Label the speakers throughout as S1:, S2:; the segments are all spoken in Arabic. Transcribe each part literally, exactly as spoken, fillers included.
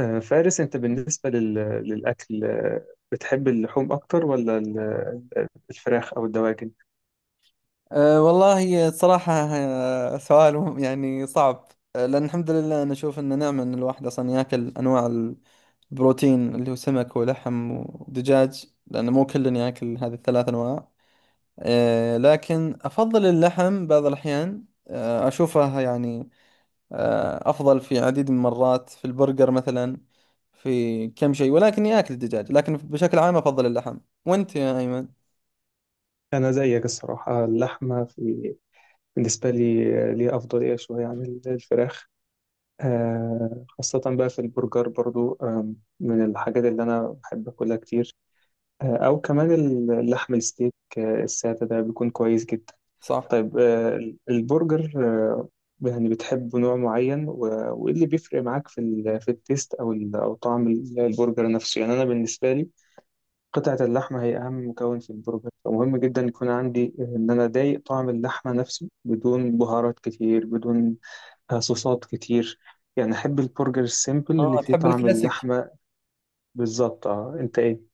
S1: آه، فارس، انت بالنسبة لل... للأكل، آه، بتحب اللحوم أكتر ولا ال- الفراخ أو الدواجن؟
S2: أه والله صراحة، أه، سؤال مهم- يعني صعب. أه، لأن الحمد لله أنا أشوف إنه نعمة إن الواحد أصلا ياكل أنواع البروتين اللي هو سمك ولحم ودجاج، لأنه مو كل ياكل هذه الثلاث أنواع. أه لكن أفضل اللحم بعض الأحيان، أه أشوفه يعني أه أفضل في عديد من المرات، في البرجر مثلا، في كم شيء. ولكن ياكل الدجاج، لكن بشكل عام أفضل اللحم. وأنت يا أيمن؟
S1: أنا زيك الصراحة، اللحمة في... بالنسبة لي، آه، ليها أفضلية شوية عن ال- الفراخ، آه، خاصة بقى في البرجر. برضو آم، من الحاجات اللي أنا بحب أكلها كتير، آه، أو كمان اللحم الستيك، آه، السادة ده بيكون كويس جدا.
S2: صح.
S1: طيب، آه، البرجر، آه، يعني بتحب نوع معين، و- وايه اللي بيفرق معاك في ال- في التيست او ال- او طعم ال- البرجر نفسه؟ يعني انا بالنسبه لي، قطعه اللحمه هي اهم مكون في البرجر، فمهم جدا يكون عندي ان انا ضايق طعم اللحمه نفسه، بدون بهارات كتير، بدون آه، صوصات كتير. يعني احب البرجر السيمبل اللي
S2: آه
S1: فيه
S2: تحب
S1: طعم
S2: الكلاسيك.
S1: اللحمه. بالظبط. اه انت ايه؟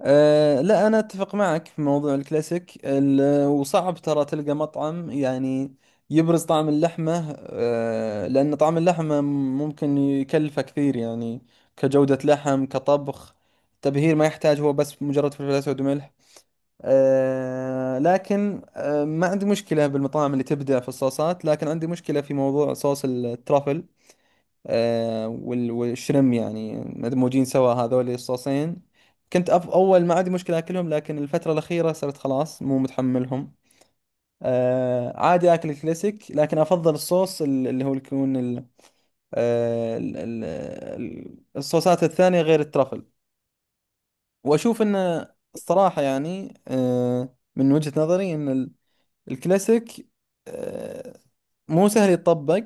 S2: أه لا، أنا أتفق معك في موضوع الكلاسيك، ال- وصعب ترى تلقى مطعم يعني يبرز طعم اللحمة، أه لأن طعم اللحمة ممكن يكلفه كثير، يعني كجودة لحم، كطبخ، تبهير ما يحتاج، هو بس مجرد فلفل أسود وملح. أه لكن أه ما عندي مشكلة بالمطاعم اللي تبدع في الصوصات، لكن عندي مشكلة في موضوع صوص الترافل آه، وال- والشرم، يعني مدموجين سوا هذول الصوصين. كنت أف أول ما عندي مشكلة أكلهم، لكن الفترة الأخيرة صرت خلاص مو متحملهم. آه، عادي أكل الكلاسيك، لكن أفضل الصوص ال- اللي هو يكون ال- آه، ال- ال- ال- الصوصات الثانية غير الترفل. وأشوف أنه الصراحة يعني آه، من وجهة نظري أن ال- الكلاسيك آه، مو سهل يتطبق.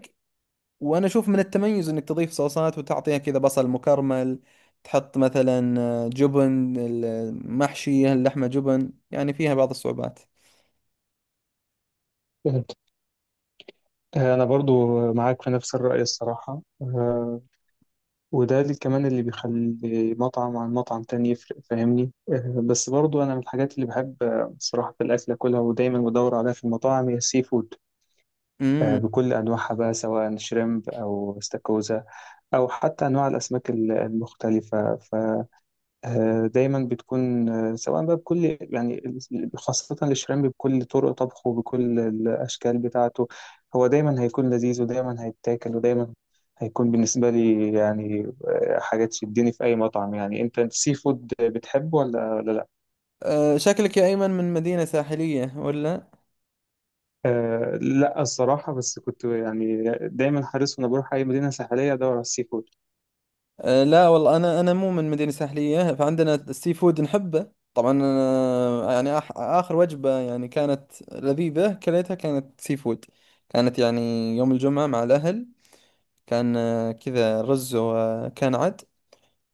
S2: وانا اشوف من التميز انك تضيف صوصات وتعطيها كذا بصل مكرمل، تحط مثلا آه، جبن، المحشي اللحمة جبن، يعني فيها بعض الصعوبات.
S1: فهمت. آه، انا برضو معاك في نفس الرأي الصراحه، وده اللي كمان اللي بيخلي مطعم عن مطعم تاني يفرق، فاهمني؟ آه، بس برضو أنا من الحاجات اللي بحب آه، صراحة في الأكل أكلها، ودايما بدور عليها في المطاعم، هي السي فود، آه،
S2: امم.
S1: بكل أنواعها بقى، سواء شريمب أو استاكوزا، أو حتى أنواع الأسماك ال- المختلفة. آه، دايما بتكون آه، سواء بقى بكل يعني، خاصة الشريمب بكل طرق طبخه بكل الأشكال بتاعته، هو دايما هيكون لذيذ ودايما هيتاكل، ودايما هيكون بالنسبة لي يعني آه، حاجة تشدني في أي مطعم. يعني، أنت السي فود بتحبه ولا ولا لأ؟
S2: أه شكلك يا ايمن من مدينة ساحلية ولا؟
S1: أه لا الصراحة، بس كنت يعني دايما حريص، وأنا بروح أي مدينة ساحلية أدور على السي فود.
S2: أه لا والله، انا انا مو من مدينة ساحلية، فعندنا السي فود نحبه طبعا. أنا يعني آخ- اخر وجبة يعني كانت لذيذة كليتها كانت سي فود، كانت يعني يوم الجمعة مع الاهل. كان آه، كذا رز وكان عد.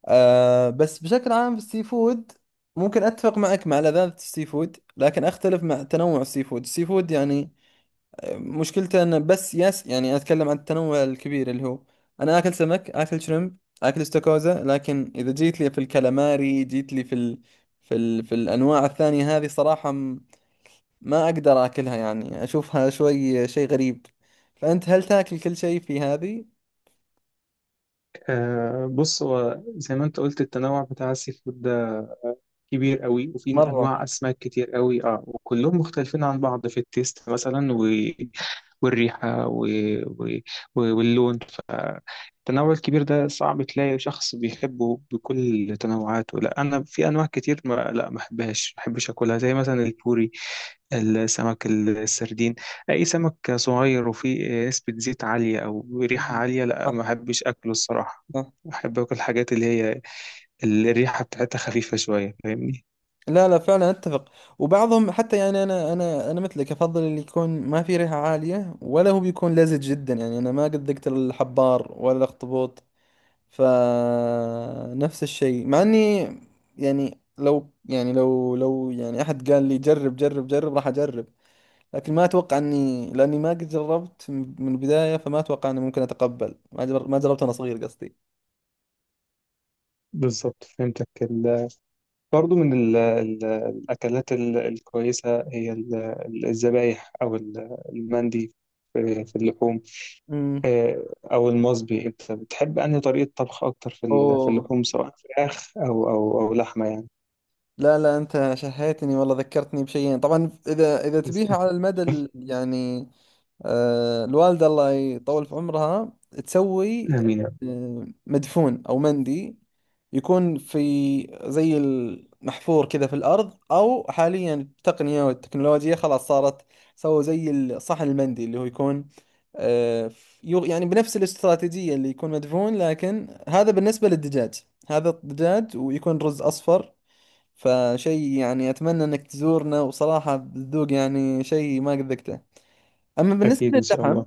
S2: آه بس بشكل عام في السي فود ممكن أتفق معك مع لذاذة السي فود، لكن أختلف مع تنوع السي فود. السي فود يعني آه، مشكلته أنه بس ياس، يعني أتكلم عن التنوع الكبير اللي هو أنا آكل سمك، آكل شريمب، آكل استاكوزا، لكن إذا جيت لي في الكالاماري، جيت لي في ال... في ال... في الأنواع الثانية هذه، صراحة م- ما أقدر آكلها، يعني أشوفها شوي شيء غريب. فأنت هل تاكل كل شيء في هذه؟
S1: أه بص، هو زي ما أنت قلت، التنوع بتاع السي فود ده كبير قوي، وفي
S2: مرة.
S1: انواع اسماك كتير قوي، اه وكلهم مختلفين عن بعض في التيست مثلا، و... والريحه و... و... و- واللون. فالتنوع الكبير ده صعب تلاقي شخص بيحبه بكل تنوعاته. لا، انا في انواع كتير ما لا ما بحبهاش ما بحبش اكلها، زي مثلا البوري، السمك السردين، اي سمك صغير وفيه نسبه زيت عاليه او ريحه عاليه، لا ما
S2: صح.
S1: بحبش اكله الصراحه.
S2: صح.
S1: بحب اكل الحاجات اللي هي الريحه بتاعتها خفيفه شويه، فاهمني؟
S2: لا لا فعلا اتفق. وبعضهم حتى يعني انا انا انا مثلك افضل اللي يكون ما في ريحه عاليه، ولا هو بيكون لزج جدا. يعني انا ما قد ذقت الحبار ولا الاخطبوط، فنفس الشيء. مع اني يعني لو يعني لو لو يعني احد قال لي جرب جرب جرب راح اجرب، لكن ما اتوقع اني، لاني ما قد جربت من البدايه، فما اتوقع اني ممكن اتقبل ما جر- ما جربت وانا صغير قصدي.
S1: بالظبط، فهمتك. ال... برضو من ال... ال... الأكلات ال... الكويسة هي ال... ال- الذبايح أو ال... المندي في, في اللحوم،
S2: امم.
S1: آه، أو المصبي. أنت بتحب أنهي طريقة طبخ أكتر في, ال... في
S2: اوه،
S1: اللحوم، سواء فراخ أو أو أو لحمة يعني؟
S2: لا لا أنت شهيتني والله، ذكرتني بشيئين. طبعا إذا إذا تبيها على المدى ال- يعني آه الوالدة الله يطول في عمرها تسوي
S1: آمين يا رب.
S2: آه مدفون أو مندي، يكون في زي المحفور كذا في الأرض، أو حاليا التقنية والتكنولوجيا خلاص صارت سووا زي الصحن المندي اللي هو يكون آه، ف- يو- يعني بنفس الاستراتيجية اللي يكون مدفون. لكن هذا بالنسبة للدجاج، هذا الدجاج، ويكون رز أصفر. فشيء يعني أتمنى إنك تزورنا وصراحة بتذوق يعني شيء ما قد ذقته. أما بالنسبة
S1: أكيد إن شاء
S2: للحم،
S1: الله.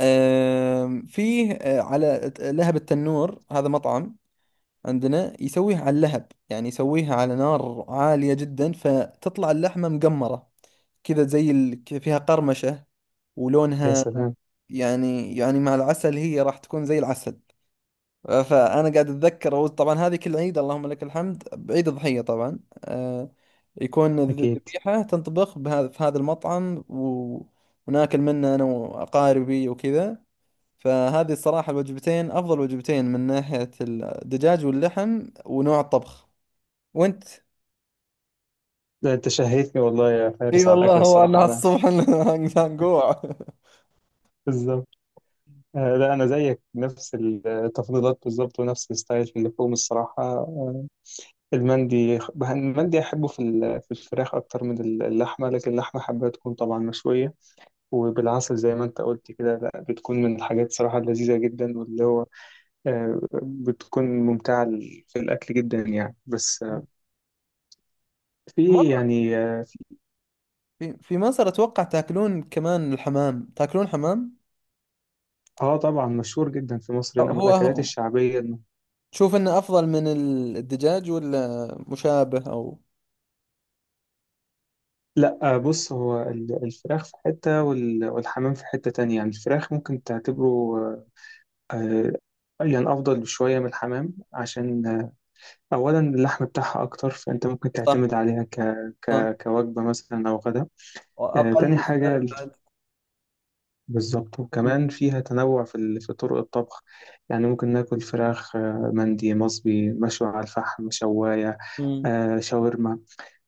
S2: آم، فيه آه، على لهب التنور، هذا مطعم عندنا يسويه على اللهب، يعني يسويها على نار عالية جدا، فتطلع اللحمة مقمرة كذا زي ال... ك- فيها قرمشة
S1: يا
S2: ولونها
S1: سلام.
S2: يعني، يعني مع العسل هي راح تكون زي العسل. فانا قاعد اتذكر اول، طبعا هذه كل عيد اللهم لك الحمد بعيد الضحيه طبعا، آه، يكون الذ-
S1: أكيد.
S2: الذبيحه تنطبخ بهذا، في هذا المطعم، و... وناكل منه انا واقاربي وكذا. فهذه الصراحه الوجبتين افضل وجبتين من ناحيه الدجاج واللحم ونوع الطبخ. وانت؟
S1: ده أنت شهيتني والله يا
S2: اي
S1: فارس على
S2: والله،
S1: الأكل
S2: هو انا
S1: الصراحة. أنا
S2: الصبح هنجوع.
S1: بالظبط. آه، لا، أنا زيك نفس التفضيلات بالظبط، ونفس الستايل في اللحوم الصراحة. آه، المندي المندي أحبه في ال- في الفراخ أكتر من اللحمة، لكن اللحمة حابة تكون طبعا مشوية وبالعسل زي ما أنت قلت كده. لا، بتكون من الحاجات صراحة اللذيذة جدا، واللي هو آه، بتكون ممتعة لل- في الأكل جدا يعني. بس آه، في
S2: مرة
S1: يعني آه
S2: في في مصر اتوقع تاكلون كمان الحمام، تاكلون حمام؟
S1: آه، طبعا مشهور جدا في مصر هنا من
S2: هو
S1: الأكلات الشعبية إنه
S2: تشوف انه افضل من ال- الدجاج ولا مشابه او
S1: لا، آه، بص هو ال- الفراخ في حتة، وال- والحمام في حتة تانية. يعني الفراخ ممكن تعتبره آه، آه، يعني أفضل بشوية من الحمام، عشان أولا اللحم بتاعها أكتر، فأنت ممكن
S2: صح؟
S1: تعتمد عليها ك...
S2: صح،
S1: ك... كوجبة مثلا أو غدا، آه، تاني
S2: واقل
S1: حاجة.
S2: سعر بعد.
S1: بالظبط.
S2: مم.
S1: وكمان فيها تنوع في, ال... في طرق الطبخ. يعني ممكن ناكل فراخ آه، مندي، مصبي، مشوي على الفحم، شواية،
S2: مم.
S1: آه، شاورما.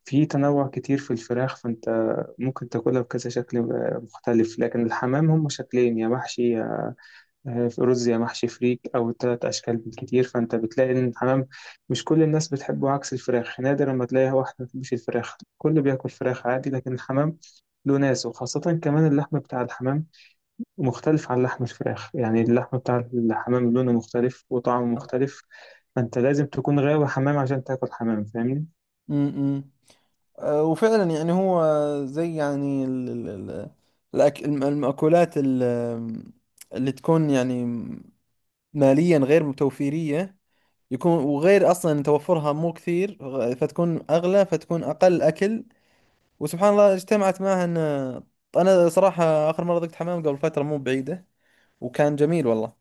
S1: في تنوع كتير في الفراخ، فأنت ممكن تاكلها بكذا شكل آه، مختلف. لكن الحمام هم شكلين: يا محشي آه، في رز، يا محشي فريك، أو تلات أشكال بالكتير. فأنت بتلاقي إن الحمام مش كل الناس بتحبه. عكس الفراخ، نادرا ما تلاقي واحد ما بتحبش الفراخ، كله بياكل فراخ عادي. لكن الحمام له ناس، وخاصة كمان اللحم بتاع الحمام مختلف عن لحم الفراخ. يعني اللحم بتاع الحمام لونه مختلف وطعمه
S2: صح.
S1: مختلف. فأنت لازم تكون غاوي حمام عشان تاكل حمام، فاهمني؟
S2: امم. أه وفعلا يعني هو زي يعني ال ال ال الأك الم- المأكولات ال- اللي تكون يعني ماليا غير متوفيرية، يكون، وغير أصلا توفرها مو كثير، غ- فتكون أغلى، فتكون أقل أكل. وسبحان الله اجتمعت معها أن أنا صراحة آخر مرة ذقت حمام قبل فترة مو بعيدة، وكان جميل والله.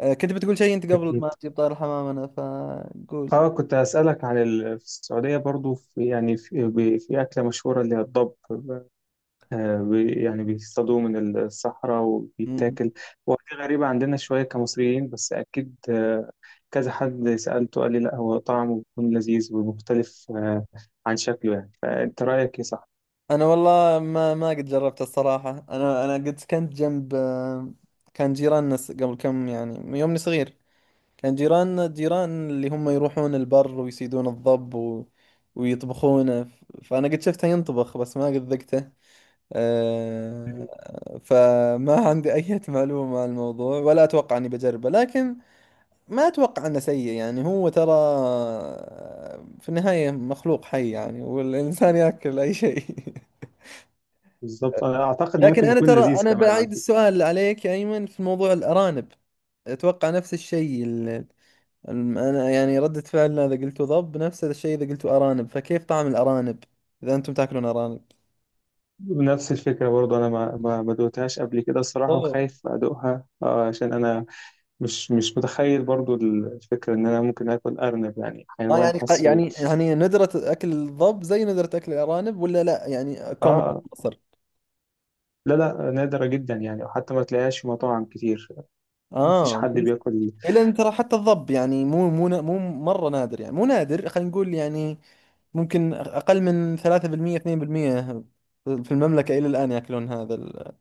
S2: آه، كنت بتقول شيء انت قبل
S1: أكيد.
S2: ما تجيب، طار الحمام انا فقول.
S1: اه كنت هسألك عن ال... في السعودية برضو، في يعني في, ب- في أكلة مشهورة اللي هي الضب، آه، بي- يعني بيصطادوه من الصحراء
S2: مم.
S1: وبيتاكل. هو دي غريبة عندنا شوية كمصريين، بس أكيد آه، كذا حد سألته قال لي لا، هو طعمه بيكون لذيذ ومختلف آه، عن شكله يعني. فأنت رأيك إيه، صح؟
S2: انا والله ما ما قد جربت الصراحة. انا انا قد سكنت جنب آه، كان جيراننا س- قبل كم يعني، من يومني صغير، كان جيراننا جيران اللي هم يروحون البر ويصيدون الضب و... ويطبخونه، ف- فانا قد شفته ينطبخ، بس ما قد ذقته. أه... فما عندي اي معلومة عن الموضوع، ولا اتوقع اني بجربه، لكن ما اتوقع انه سيء. يعني هو ترى في النهاية مخلوق حي، يعني والانسان ياكل اي شيء.
S1: بالظبط، أنا أعتقد إنه
S2: لكن
S1: ممكن
S2: انا
S1: يكون
S2: ترى
S1: لذيذ
S2: انا
S1: كمان على
S2: بعيد
S1: فكرة.
S2: السؤال عليك يا ايمن في موضوع الارانب، اتوقع نفس الشيء. ال- الم- انا يعني ردة فعلنا اذا قلتوا ضب نفس الشيء اذا قلتوا ارانب. فكيف طعم الارانب، اذا انتم تاكلون ارانب؟
S1: نفس الفكرة برضه. أنا ما ما ما دوقتهاش قبل كده الصراحة،
S2: اوه.
S1: وخايف أدوقها آه، عشان أنا مش مش متخيل برضه الفكرة إن أنا ممكن آكل أرنب، يعني
S2: اه
S1: حيوان
S2: يعني ق-
S1: حاسه.
S2: يعني يعني ندرة اكل الضب زي ندرة اكل الارانب ولا لا يعني كومن
S1: آه،
S2: مصر؟
S1: لا، لا، نادرة جدا يعني، وحتى ما تلاقيهاش في مطاعم كتير، مفيش
S2: اه انت
S1: حد
S2: لسه.
S1: بياكل.
S2: إيه، لان ترى حتى الضب يعني مو مو نا- مو مره نادر، يعني مو نادر، خلينا نقول يعني ممكن اقل من ثلاثة بالمية اثنين بالمية في المملكه الى الان ياكلون هذا ال-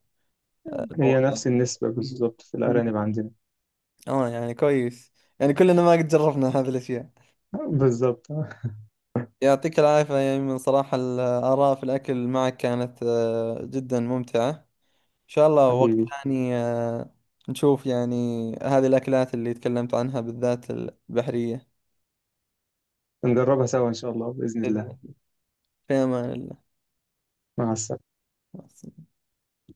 S1: هي
S2: الموضوع.
S1: نفس النسبة
S2: مم.
S1: بالظبط في
S2: مم.
S1: الأرانب عندنا.
S2: اه يعني كويس، يعني كلنا ما قد جربنا هذه الاشياء.
S1: بالظبط.
S2: يعطيك العافيه يا ايمن، صراحه الاراء في الاكل معك كانت آه، جدا ممتعه. ان شاء الله وقت
S1: حبيبي.
S2: ثاني آه، نشوف يعني هذه الاكلات اللي تكلمت عنها بالذات البحريه.
S1: نجربها سوا إن شاء الله، بإذن الله.
S2: في أمان
S1: مع السلامة.
S2: الله.